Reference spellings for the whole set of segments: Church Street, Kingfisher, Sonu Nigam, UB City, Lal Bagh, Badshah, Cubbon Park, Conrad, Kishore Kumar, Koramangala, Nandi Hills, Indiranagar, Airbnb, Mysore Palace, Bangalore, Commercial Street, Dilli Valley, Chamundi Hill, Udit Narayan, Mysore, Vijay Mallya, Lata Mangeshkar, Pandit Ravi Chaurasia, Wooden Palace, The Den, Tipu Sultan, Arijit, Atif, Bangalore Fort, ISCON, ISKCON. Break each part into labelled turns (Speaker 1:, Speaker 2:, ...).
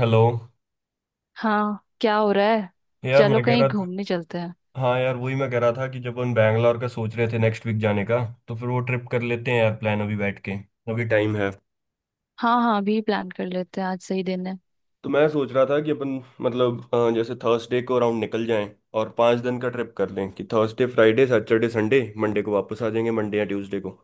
Speaker 1: Hello.
Speaker 2: हाँ, क्या हो रहा है।
Speaker 1: यार
Speaker 2: चलो
Speaker 1: मैं कह
Speaker 2: कहीं
Speaker 1: रहा था।
Speaker 2: घूमने चलते हैं।
Speaker 1: हाँ यार वही मैं कह रहा था कि जब हम बैंगलोर का सोच रहे थे नेक्स्ट वीक जाने का, तो फिर वो ट्रिप कर लेते हैं यार, प्लान अभी बैठ के। अभी टाइम है।
Speaker 2: हाँ हाँ, अभी प्लान कर लेते हैं, आज सही दिन है।
Speaker 1: तो मैं सोच रहा था कि अपन, मतलब जैसे थर्सडे को अराउंड निकल जाएं, और 5 दिन का ट्रिप कर लें कि Thursday Friday Saturday Sunday Monday को वापस आ जाएंगे, मंडे या ट्यूसडे को।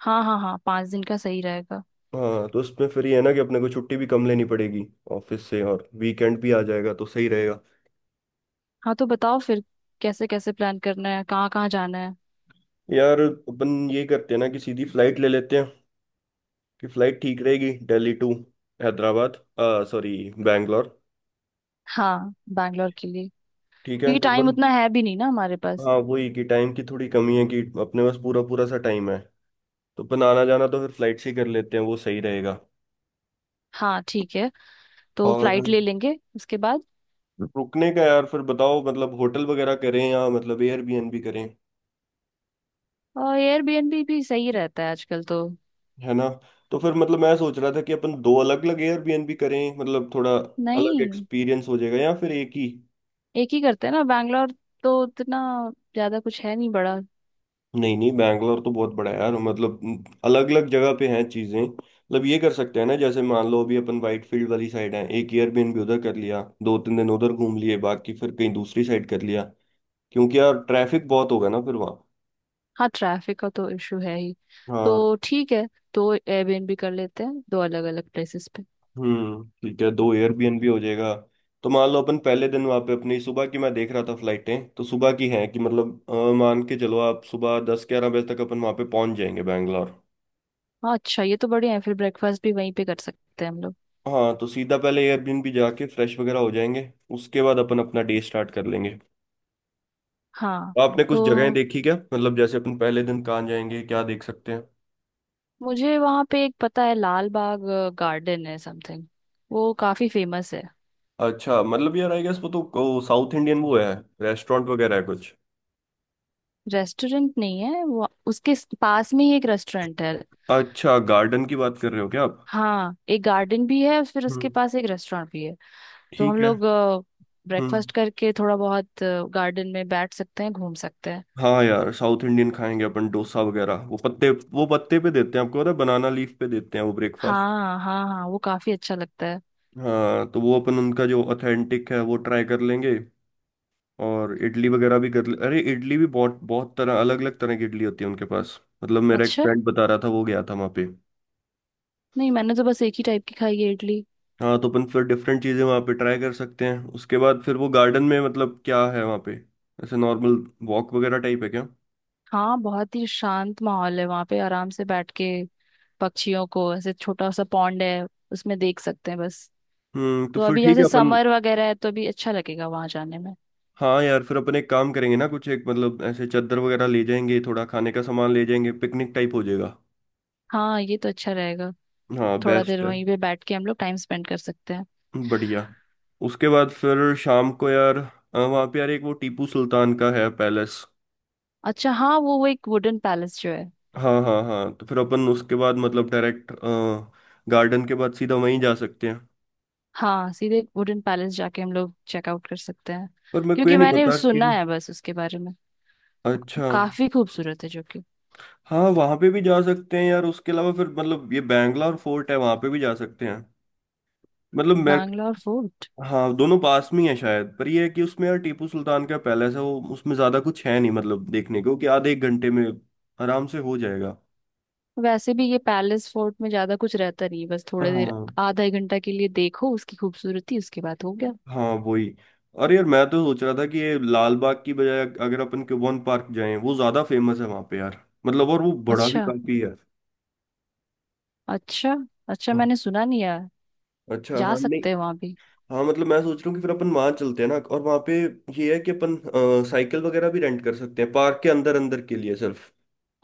Speaker 2: हाँ हाँ हाँ, पाँच दिन का सही रहेगा।
Speaker 1: हाँ तो उसमें फिर ये है ना कि अपने को छुट्टी भी कम लेनी पड़ेगी ऑफिस से, और वीकेंड भी आ जाएगा तो सही रहेगा।
Speaker 2: हाँ, तो बताओ फिर। कैसे कैसे प्लान करना है, कहाँ कहाँ जाना है।
Speaker 1: यार अपन ये करते हैं ना कि सीधी फ्लाइट ले लेते हैं कि फ्लाइट ठीक रहेगी, दिल्ली टू हैदराबाद, सॉरी, बैंगलोर।
Speaker 2: हाँ, बैंगलोर के लिए।
Speaker 1: ठीक है
Speaker 2: क्योंकि टाइम
Speaker 1: टोटल।
Speaker 2: उतना है भी नहीं ना हमारे पास।
Speaker 1: हाँ वही कि टाइम की थोड़ी कमी है कि अपने पास पूरा पूरा सा टाइम है, तो अपन आना जाना तो फिर फ्लाइट से ही कर लेते हैं, वो सही रहेगा।
Speaker 2: हाँ ठीक है, तो
Speaker 1: और
Speaker 2: फ्लाइट ले लेंगे उसके बाद।
Speaker 1: रुकने का यार फिर बताओ, मतलब होटल वगैरह करें या मतलब एयरबीएनबी करें।
Speaker 2: और एयरबीएनबी भी सही रहता है आजकल तो।
Speaker 1: है ना। तो फिर मतलब मैं सोच रहा था कि अपन दो अलग अलग एयरबीएनबी करें, मतलब थोड़ा अलग
Speaker 2: नहीं,
Speaker 1: एक्सपीरियंस हो जाएगा, या फिर एक ही।
Speaker 2: एक ही करते हैं ना बैंगलोर तो उतना ज्यादा कुछ है नहीं बड़ा।
Speaker 1: नहीं नहीं, बैंगलोर तो बहुत बड़ा है यार, मतलब अलग अलग जगह पे हैं चीजें। मतलब ये कर सकते हैं ना, जैसे मान लो अभी अपन वाइट फील्ड वाली साइड है, एक एयरबीएनबी उधर कर लिया, 2-3 दिन उधर घूम लिए, बाकी फिर कहीं दूसरी साइड कर लिया। क्योंकि यार ट्रैफिक बहुत होगा ना फिर वहाँ।
Speaker 2: हाँ, ट्रैफिक का तो इशू है ही।
Speaker 1: हाँ।
Speaker 2: तो ठीक है, दो एयरबीएनबी कर लेते हैं, दो अलग अलग प्लेसेस पे।
Speaker 1: हम्म, ठीक है, दो एयरबीएनबी हो जाएगा। तो मान लो अपन पहले दिन वहाँ पे अपनी सुबह की, मैं देख रहा था फ्लाइटें तो सुबह की हैं, कि मतलब मान के चलो आप सुबह 10-11 बजे तक अपन वहाँ पे पहुंच जाएंगे बैंगलोर।
Speaker 2: हाँ अच्छा, ये तो बढ़िया है, फिर ब्रेकफास्ट भी वहीं पे कर सकते हैं हम लोग।
Speaker 1: हाँ तो सीधा पहले एयरबिन भी जाके फ्रेश वगैरह हो जाएंगे, उसके बाद अपन अपना डे स्टार्ट कर लेंगे।
Speaker 2: हाँ
Speaker 1: तो आपने कुछ जगहें
Speaker 2: तो
Speaker 1: देखी क्या, मतलब जैसे अपन पहले दिन कहाँ जाएंगे, क्या देख सकते हैं?
Speaker 2: मुझे वहाँ पे एक पता है, लाल बाग गार्डन है समथिंग। वो काफी फेमस है।
Speaker 1: अच्छा, मतलब यार आई गेस वो तो साउथ इंडियन वो है, रेस्टोरेंट वगैरह है कुछ?
Speaker 2: रेस्टोरेंट नहीं है वो, उसके पास में ही एक रेस्टोरेंट है।
Speaker 1: अच्छा, गार्डन की बात कर रहे हो क्या आप?
Speaker 2: हाँ, एक गार्डन भी है, फिर उसके
Speaker 1: हम्म,
Speaker 2: पास एक रेस्टोरेंट भी है। तो हम
Speaker 1: ठीक है।
Speaker 2: लोग
Speaker 1: हम्म।
Speaker 2: ब्रेकफास्ट करके थोड़ा बहुत गार्डन में बैठ सकते हैं, घूम सकते हैं।
Speaker 1: हाँ यार साउथ इंडियन खाएंगे अपन डोसा वगैरह, वो पत्ते, वो पत्ते पे देते हैं, आपको पता है, बनाना लीफ पे देते हैं वो ब्रेकफास्ट।
Speaker 2: हाँ हाँ हाँ, वो काफी अच्छा लगता है।
Speaker 1: हाँ तो वो अपन उनका जो ऑथेंटिक है वो ट्राई कर लेंगे, और इडली वगैरह भी कर ले। अरे इडली भी बहुत बहुत तरह, अलग अलग तरह की इडली होती है उनके पास, मतलब मेरा एक
Speaker 2: अच्छा।
Speaker 1: फ्रेंड बता रहा था, वो गया था वहाँ पे।
Speaker 2: नहीं, मैंने तो बस एक ही टाइप की खाई है इडली।
Speaker 1: हाँ तो अपन फिर डिफरेंट चीज़ें वहाँ पे ट्राई कर सकते हैं। उसके बाद फिर वो गार्डन में, मतलब क्या है वहाँ पे, ऐसे नॉर्मल वॉक वगैरह टाइप है क्या?
Speaker 2: हाँ, बहुत ही शांत माहौल है वहां पे, आराम से बैठ के पक्षियों को, ऐसे छोटा सा पॉन्ड है उसमें, देख सकते हैं बस।
Speaker 1: हम्म, तो
Speaker 2: तो
Speaker 1: फिर
Speaker 2: अभी
Speaker 1: ठीक है
Speaker 2: जैसे
Speaker 1: अपन।
Speaker 2: समर वगैरह है, तो अभी अच्छा लगेगा वहां जाने में।
Speaker 1: हाँ यार फिर अपन एक काम करेंगे ना, कुछ एक मतलब ऐसे चादर वगैरह ले जाएंगे, थोड़ा खाने का सामान ले जाएंगे, पिकनिक टाइप हो जाएगा।
Speaker 2: हाँ, ये तो अच्छा रहेगा।
Speaker 1: हाँ
Speaker 2: थोड़ा देर
Speaker 1: बेस्ट है।
Speaker 2: वहीं पे बैठ के हम लोग टाइम स्पेंड कर सकते हैं।
Speaker 1: बढ़िया। उसके बाद फिर शाम को यार वहाँ पे यार एक वो टीपू सुल्तान का है पैलेस।
Speaker 2: अच्छा हाँ, वो एक वुडन पैलेस जो है।
Speaker 1: हाँ हाँ हाँ, तो फिर अपन उसके बाद मतलब डायरेक्ट गार्डन के बाद सीधा वहीं जा सकते हैं।
Speaker 2: हाँ, सीधे वुडन पैलेस जाके हम लोग चेकआउट कर सकते हैं।
Speaker 1: पर मेरे को ये
Speaker 2: क्योंकि
Speaker 1: नहीं
Speaker 2: मैंने
Speaker 1: पता कि...
Speaker 2: सुना है बस उसके बारे में,
Speaker 1: अच्छा।
Speaker 2: काफी खूबसूरत है जो कि।
Speaker 1: हाँ वहाँ पे भी जा सकते हैं यार, उसके अलावा फिर मतलब ये बैंगलोर फोर्ट है, वहाँ पे भी जा सकते हैं। मतलब मैं...
Speaker 2: बैंगलोर फोर्ट।
Speaker 1: हाँ दोनों पास में ही है शायद, पर ये है कि उसमें यार टीपू सुल्तान का पैलेस है, वो उसमें ज़्यादा कुछ है नहीं मतलब देखने को, कि आधे एक घंटे में आराम से हो जाएगा।
Speaker 2: वैसे भी ये पैलेस फोर्ट में ज्यादा कुछ रहता नहीं है, बस थोड़ी देर
Speaker 1: हाँ।
Speaker 2: आधा एक घंटा के लिए देखो उसकी खूबसूरती, उसके बाद हो गया।
Speaker 1: हाँ वही। अरे यार मैं तो सोच रहा था कि ये लाल बाग की बजाय अगर अपन क्यूबॉन पार्क जाएं, वो ज्यादा फेमस है वहां पे यार, मतलब और वो बड़ा भी
Speaker 2: अच्छा।
Speaker 1: काफी है।
Speaker 2: अच्छा। अच्छा,
Speaker 1: हाँ।
Speaker 2: मैंने सुना नहीं यार।
Speaker 1: अच्छा,
Speaker 2: जा
Speaker 1: हाँ। नहीं,
Speaker 2: सकते हैं वहां भी।
Speaker 1: हाँ, मतलब मैं सोच रहा हूँ कि फिर अपन वहां चलते हैं ना, और वहां पे ये है कि अपन साइकिल वगैरह भी रेंट कर सकते हैं पार्क के अंदर, अंदर के लिए सिर्फ।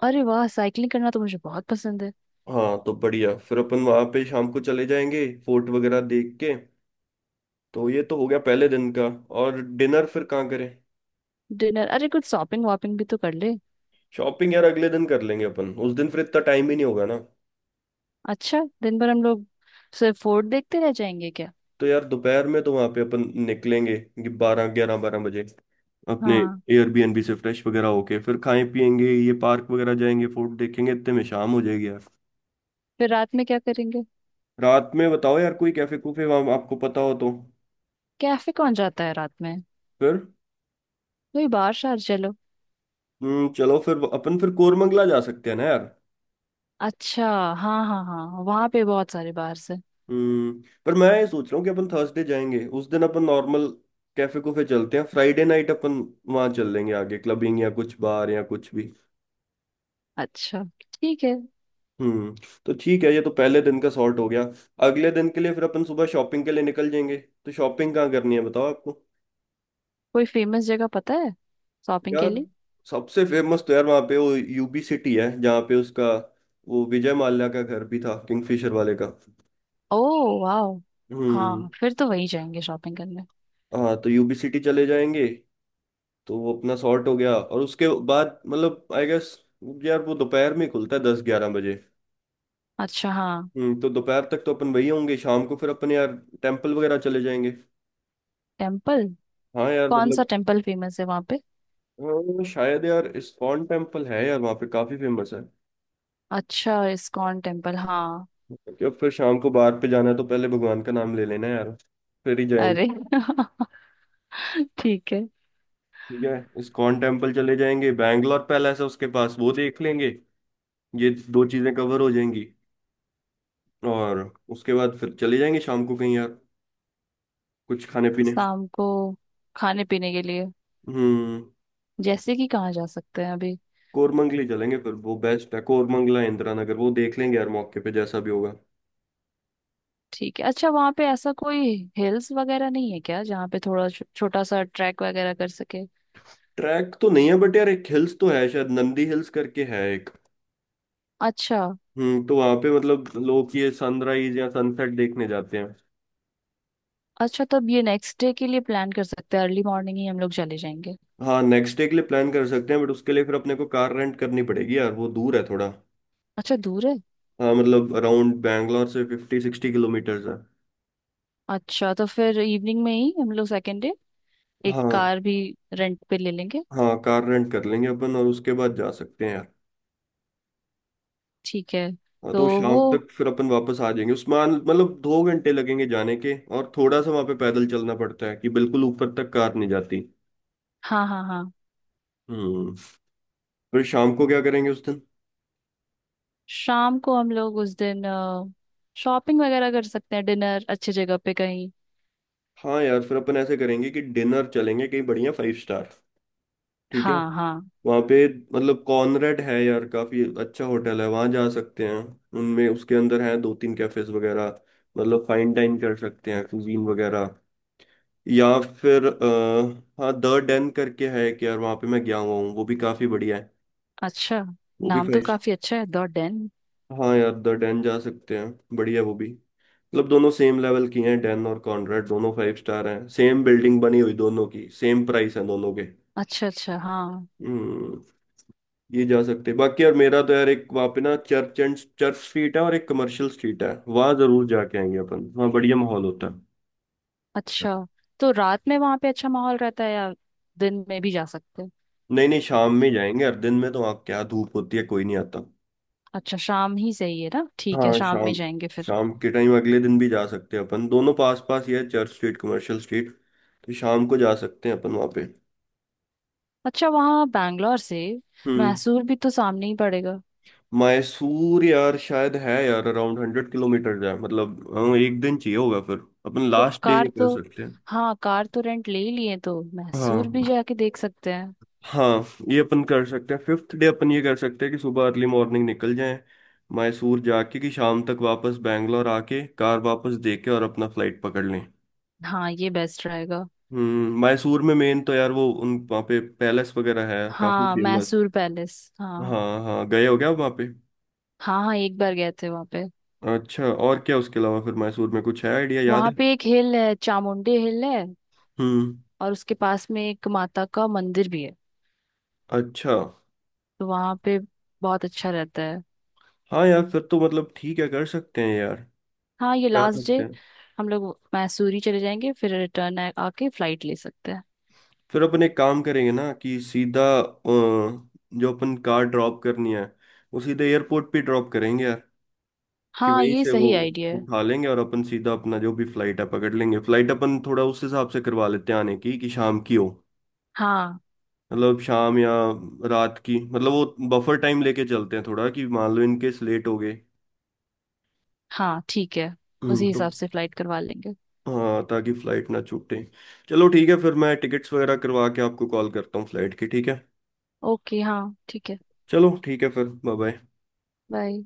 Speaker 2: अरे वाह, साइकिलिंग करना तो मुझे बहुत पसंद है।
Speaker 1: हाँ तो बढ़िया, फिर अपन वहां पे शाम को चले जाएंगे फोर्ट वगैरह देख के। तो ये तो हो गया पहले दिन का। और डिनर फिर कहाँ करें?
Speaker 2: डिनर? अरे कुछ शॉपिंग वॉपिंग भी तो कर ले।
Speaker 1: शॉपिंग यार अगले दिन कर लेंगे अपन, उस दिन फिर इतना टाइम ही नहीं होगा ना।
Speaker 2: अच्छा, दिन भर हम लोग सिर्फ फोर्ट देखते रह जाएंगे क्या।
Speaker 1: तो यार दोपहर में तो वहां पे अपन निकलेंगे, बारह, ग्यारह बारह बजे अपने
Speaker 2: हाँ।
Speaker 1: एयरबीएनबी से, फ्रेश वगैरह होके फिर खाएं पियेंगे, ये पार्क वगैरह जाएंगे, फोर्ट देखेंगे, इतने में शाम हो जाएगी यार।
Speaker 2: फिर रात में क्या करेंगे।
Speaker 1: रात में बताओ यार, कोई कैफे कूफे वहां आपको पता हो तो?
Speaker 2: कैफे कौन जाता है रात में।
Speaker 1: फिर...
Speaker 2: कोई बार शार चलो।
Speaker 1: चलो फिर अपन फिर कोरमंगला जा सकते हैं ना यार।
Speaker 2: अच्छा। हाँ हाँ हाँ, वहां पे बहुत सारे बार है।
Speaker 1: हम्म, पर मैं ये सोच रहा हूँ कि अपन थर्सडे जाएंगे, उस दिन अपन नॉर्मल कैफे कूफे चलते हैं, फ्राइडे नाइट अपन वहां चल लेंगे आगे क्लबिंग या कुछ बार या कुछ भी।
Speaker 2: अच्छा ठीक है।
Speaker 1: हम्म। तो ठीक है, ये तो पहले दिन का सॉर्ट हो गया। अगले दिन के लिए फिर अपन सुबह शॉपिंग के लिए निकल जाएंगे। तो शॉपिंग कहाँ करनी है बताओ आपको।
Speaker 2: कोई फेमस जगह पता है शॉपिंग के
Speaker 1: यार
Speaker 2: लिए।
Speaker 1: सबसे फेमस तो यार वहाँ पे वो यूबी सिटी है, जहाँ पे उसका वो विजय माल्या का घर भी था, किंगफिशर वाले का।
Speaker 2: ओ, वाह।
Speaker 1: हम्म।
Speaker 2: हाँ, फिर तो वहीं जाएंगे शॉपिंग करने।
Speaker 1: हाँ तो यूबी सिटी चले जाएंगे। तो वो अपना सॉर्ट हो गया, और उसके बाद मतलब आई गेस यार वो दोपहर में खुलता है, 10-11 बजे।
Speaker 2: अच्छा हाँ।
Speaker 1: हम्म, तो दोपहर तक तो अपन वही होंगे, शाम को फिर अपन यार टेम्पल वगैरह चले जाएंगे।
Speaker 2: टेम्पल?
Speaker 1: हाँ यार
Speaker 2: कौन सा
Speaker 1: मतलब
Speaker 2: टेम्पल फेमस है वहाँ पे।
Speaker 1: शायद यार इस्कॉन टेम्पल है यार, वहाँ पे काफी फेमस है।
Speaker 2: अच्छा, इस्कॉन टेम्पल, हाँ।
Speaker 1: क्योंकि अब फिर शाम को बाहर पे जाना है, तो पहले भगवान का नाम ले लेना है यार, फिर ही जाएंगे।
Speaker 2: अरे ठीक है।
Speaker 1: ठीक है। इस्कॉन टेम्पल चले जाएंगे, बैंगलोर पैलेस है उसके पास वो देख लेंगे, ये दो चीजें कवर हो जाएंगी। और उसके बाद फिर चले जाएंगे शाम को कहीं यार, कुछ खाने पीने।
Speaker 2: शाम को खाने पीने के लिए
Speaker 1: हम्म।
Speaker 2: जैसे कि कहाँ जा सकते हैं अभी।
Speaker 1: कोरमंगली चलेंगे फिर, वो बेस्ट है कोरमंगला इंदिरा नगर, वो देख लेंगे यार मौके पे जैसा भी होगा।
Speaker 2: ठीक है। अच्छा, वहाँ पे ऐसा कोई हिल्स वगैरह नहीं है क्या, जहाँ पे थोड़ा छोटा सा ट्रैक वगैरह कर सके।
Speaker 1: ट्रैक तो नहीं है बट यार एक हिल्स तो है शायद, नंदी हिल्स करके है एक।
Speaker 2: अच्छा।
Speaker 1: हम्म, तो वहां पे मतलब लोग ये सनराइज या सनसेट देखने जाते हैं।
Speaker 2: अच्छा, तब ये नेक्स्ट डे के लिए प्लान कर सकते हैं, अर्ली मॉर्निंग ही हम लोग चले जाएंगे।
Speaker 1: हाँ नेक्स्ट डे के लिए प्लान कर सकते हैं, बट उसके लिए फिर अपने को कार रेंट करनी पड़ेगी यार, वो दूर है थोड़ा।
Speaker 2: अच्छा दूर है।
Speaker 1: हाँ, मतलब अराउंड बैंगलोर से 50-60 किलोमीटर्स है।
Speaker 2: अच्छा तो फिर इवनिंग में ही हम लोग सेकेंड डे एक
Speaker 1: हाँ।
Speaker 2: कार भी रेंट पे ले लेंगे।
Speaker 1: हाँ कार रेंट कर लेंगे अपन, और उसके बाद जा सकते हैं यार।
Speaker 2: ठीक है।
Speaker 1: हाँ
Speaker 2: तो
Speaker 1: तो शाम
Speaker 2: वो।
Speaker 1: तक फिर अपन वापस आ जाएंगे उस्मान, मतलब 2 घंटे लगेंगे जाने के, और थोड़ा सा वहां पे पैदल चलना पड़ता है, कि बिल्कुल ऊपर तक कार नहीं जाती।
Speaker 2: हाँ हाँ हाँ।
Speaker 1: हम्म। फिर शाम को क्या करेंगे उस दिन?
Speaker 2: शाम को हम लोग उस दिन शॉपिंग वगैरह कर सकते हैं, डिनर अच्छी जगह पे कहीं।
Speaker 1: हाँ यार फिर अपन ऐसे करेंगे कि डिनर चलेंगे कहीं बढ़िया, 5 स्टार। ठीक है।
Speaker 2: हाँ हाँ।
Speaker 1: वहाँ पे मतलब कॉनरेड है यार, काफी अच्छा होटल है, वहाँ जा सकते हैं, उनमें उसके अंदर हैं दो तीन कैफेज वगैरह, मतलब फाइन डाइन कर सकते हैं कुजीन वगैरह। या फिर हाँ, द डेन करके है कि यार, वहाँ पे मैं गया हुआ हूँ, वो भी काफी बढ़िया है।
Speaker 2: अच्छा,
Speaker 1: वो भी
Speaker 2: नाम तो
Speaker 1: फाइव।
Speaker 2: काफी अच्छा है द डेन।
Speaker 1: हाँ यार द डेन जा सकते हैं, बढ़िया वो भी, मतलब दोनों सेम लेवल की हैं डेन और कॉनरेड, दोनों फाइव स्टार हैं, सेम बिल्डिंग बनी हुई दोनों की, सेम प्राइस है दोनों के।
Speaker 2: अच्छा अच्छा हाँ।
Speaker 1: हम्म। ये जा सकते हैं। बाकी यार मेरा तो यार एक वहाँ पे ना चर्च एंड, चर्च स्ट्रीट है और एक कमर्शियल स्ट्रीट है, वहाँ जरूर जाके आएंगे अपन, वहाँ बढ़िया माहौल होता है।
Speaker 2: अच्छा, तो रात में वहां पे अच्छा माहौल रहता है, या दिन में भी जा सकते हैं।
Speaker 1: नहीं नहीं, शाम में जाएंगे, हर दिन में तो वहाँ क्या धूप होती है, कोई नहीं आता।
Speaker 2: अच्छा, शाम ही सही है ना, ठीक है,
Speaker 1: हाँ
Speaker 2: शाम में
Speaker 1: शाम।
Speaker 2: जाएंगे फिर।
Speaker 1: शाम के टाइम अगले दिन भी जा सकते हैं अपन, दोनों पास पास ही है चर्च स्ट्रीट कमर्शियल स्ट्रीट, तो शाम को जा सकते हैं अपन वहाँ पे।
Speaker 2: अच्छा, वहाँ बैंगलोर से
Speaker 1: हम्म।
Speaker 2: मैसूर भी तो सामने ही पड़ेगा।
Speaker 1: मैसूर यार शायद है यार अराउंड 100 किलोमीटर है, मतलब हाँ, एक दिन चाहिए होगा फिर, अपन
Speaker 2: तो
Speaker 1: लास्ट डे ये
Speaker 2: कार तो,
Speaker 1: कर सकते हैं।
Speaker 2: हाँ कार तो रेंट ले ही लिए तो मैसूर भी
Speaker 1: हाँ
Speaker 2: जाके देख सकते हैं।
Speaker 1: हाँ। ये अपन कर सकते हैं 5th डे, अपन ये कर सकते हैं कि सुबह अर्ली मॉर्निंग निकल जाएं, मैसूर जाके कि शाम तक वापस बैंगलोर आके कार वापस दे के और अपना फ्लाइट पकड़ लें।
Speaker 2: हाँ, ये बेस्ट रहेगा।
Speaker 1: हम्म, मैसूर में मेन तो यार वो, उन वहाँ पे पैलेस वगैरह है काफी
Speaker 2: हाँ
Speaker 1: फेमस।
Speaker 2: मैसूर पैलेस हाँ।
Speaker 1: हाँ हाँ, गए हो क्या आप वहाँ पे?
Speaker 2: हाँ हाँ, एक बार गए थे वहाँ पे।
Speaker 1: अच्छा, और क्या उसके अलावा फिर मैसूर में कुछ है, आइडिया याद
Speaker 2: वहाँ
Speaker 1: है?
Speaker 2: पे एक हिल है, चामुंडी हिल है,
Speaker 1: हम्म।
Speaker 2: और उसके पास में एक माता का मंदिर भी है।
Speaker 1: अच्छा।
Speaker 2: तो वहाँ पे बहुत अच्छा रहता है।
Speaker 1: हाँ यार फिर तो मतलब ठीक है, कर सकते हैं यार।
Speaker 2: हाँ, ये
Speaker 1: जा
Speaker 2: लास्ट डे
Speaker 1: सकते हैं।
Speaker 2: हम लोग मैसूरी चले जाएंगे, फिर रिटर्न आके फ्लाइट ले सकते हैं।
Speaker 1: फिर अपन एक काम करेंगे ना कि सीधा जो अपन कार ड्रॉप करनी है, वो सीधे एयरपोर्ट पे ड्रॉप करेंगे यार, कि
Speaker 2: हाँ,
Speaker 1: वहीं
Speaker 2: ये
Speaker 1: से वो
Speaker 2: सही आइडिया है।
Speaker 1: उठा लेंगे, और अपन सीधा अपना जो भी फ्लाइट है पकड़ लेंगे। फ्लाइट अपन थोड़ा उस हिसाब से करवा लेते हैं आने की, कि शाम की हो,
Speaker 2: हाँ।
Speaker 1: मतलब शाम या रात की, मतलब वो बफर टाइम लेके चलते हैं थोड़ा, कि मान लो इनकेस लेट हो गए।
Speaker 2: हाँ ठीक है, उसी
Speaker 1: तो...
Speaker 2: हिसाब से फ्लाइट करवा लेंगे।
Speaker 1: हाँ, ताकि फ्लाइट ना छूटे। चलो ठीक है फिर, मैं टिकट्स वगैरह करवा के आपको कॉल करता हूँ फ्लाइट की, ठीक है।
Speaker 2: ओके हाँ ठीक है।
Speaker 1: चलो ठीक है फिर, बाय बाय।
Speaker 2: बाय।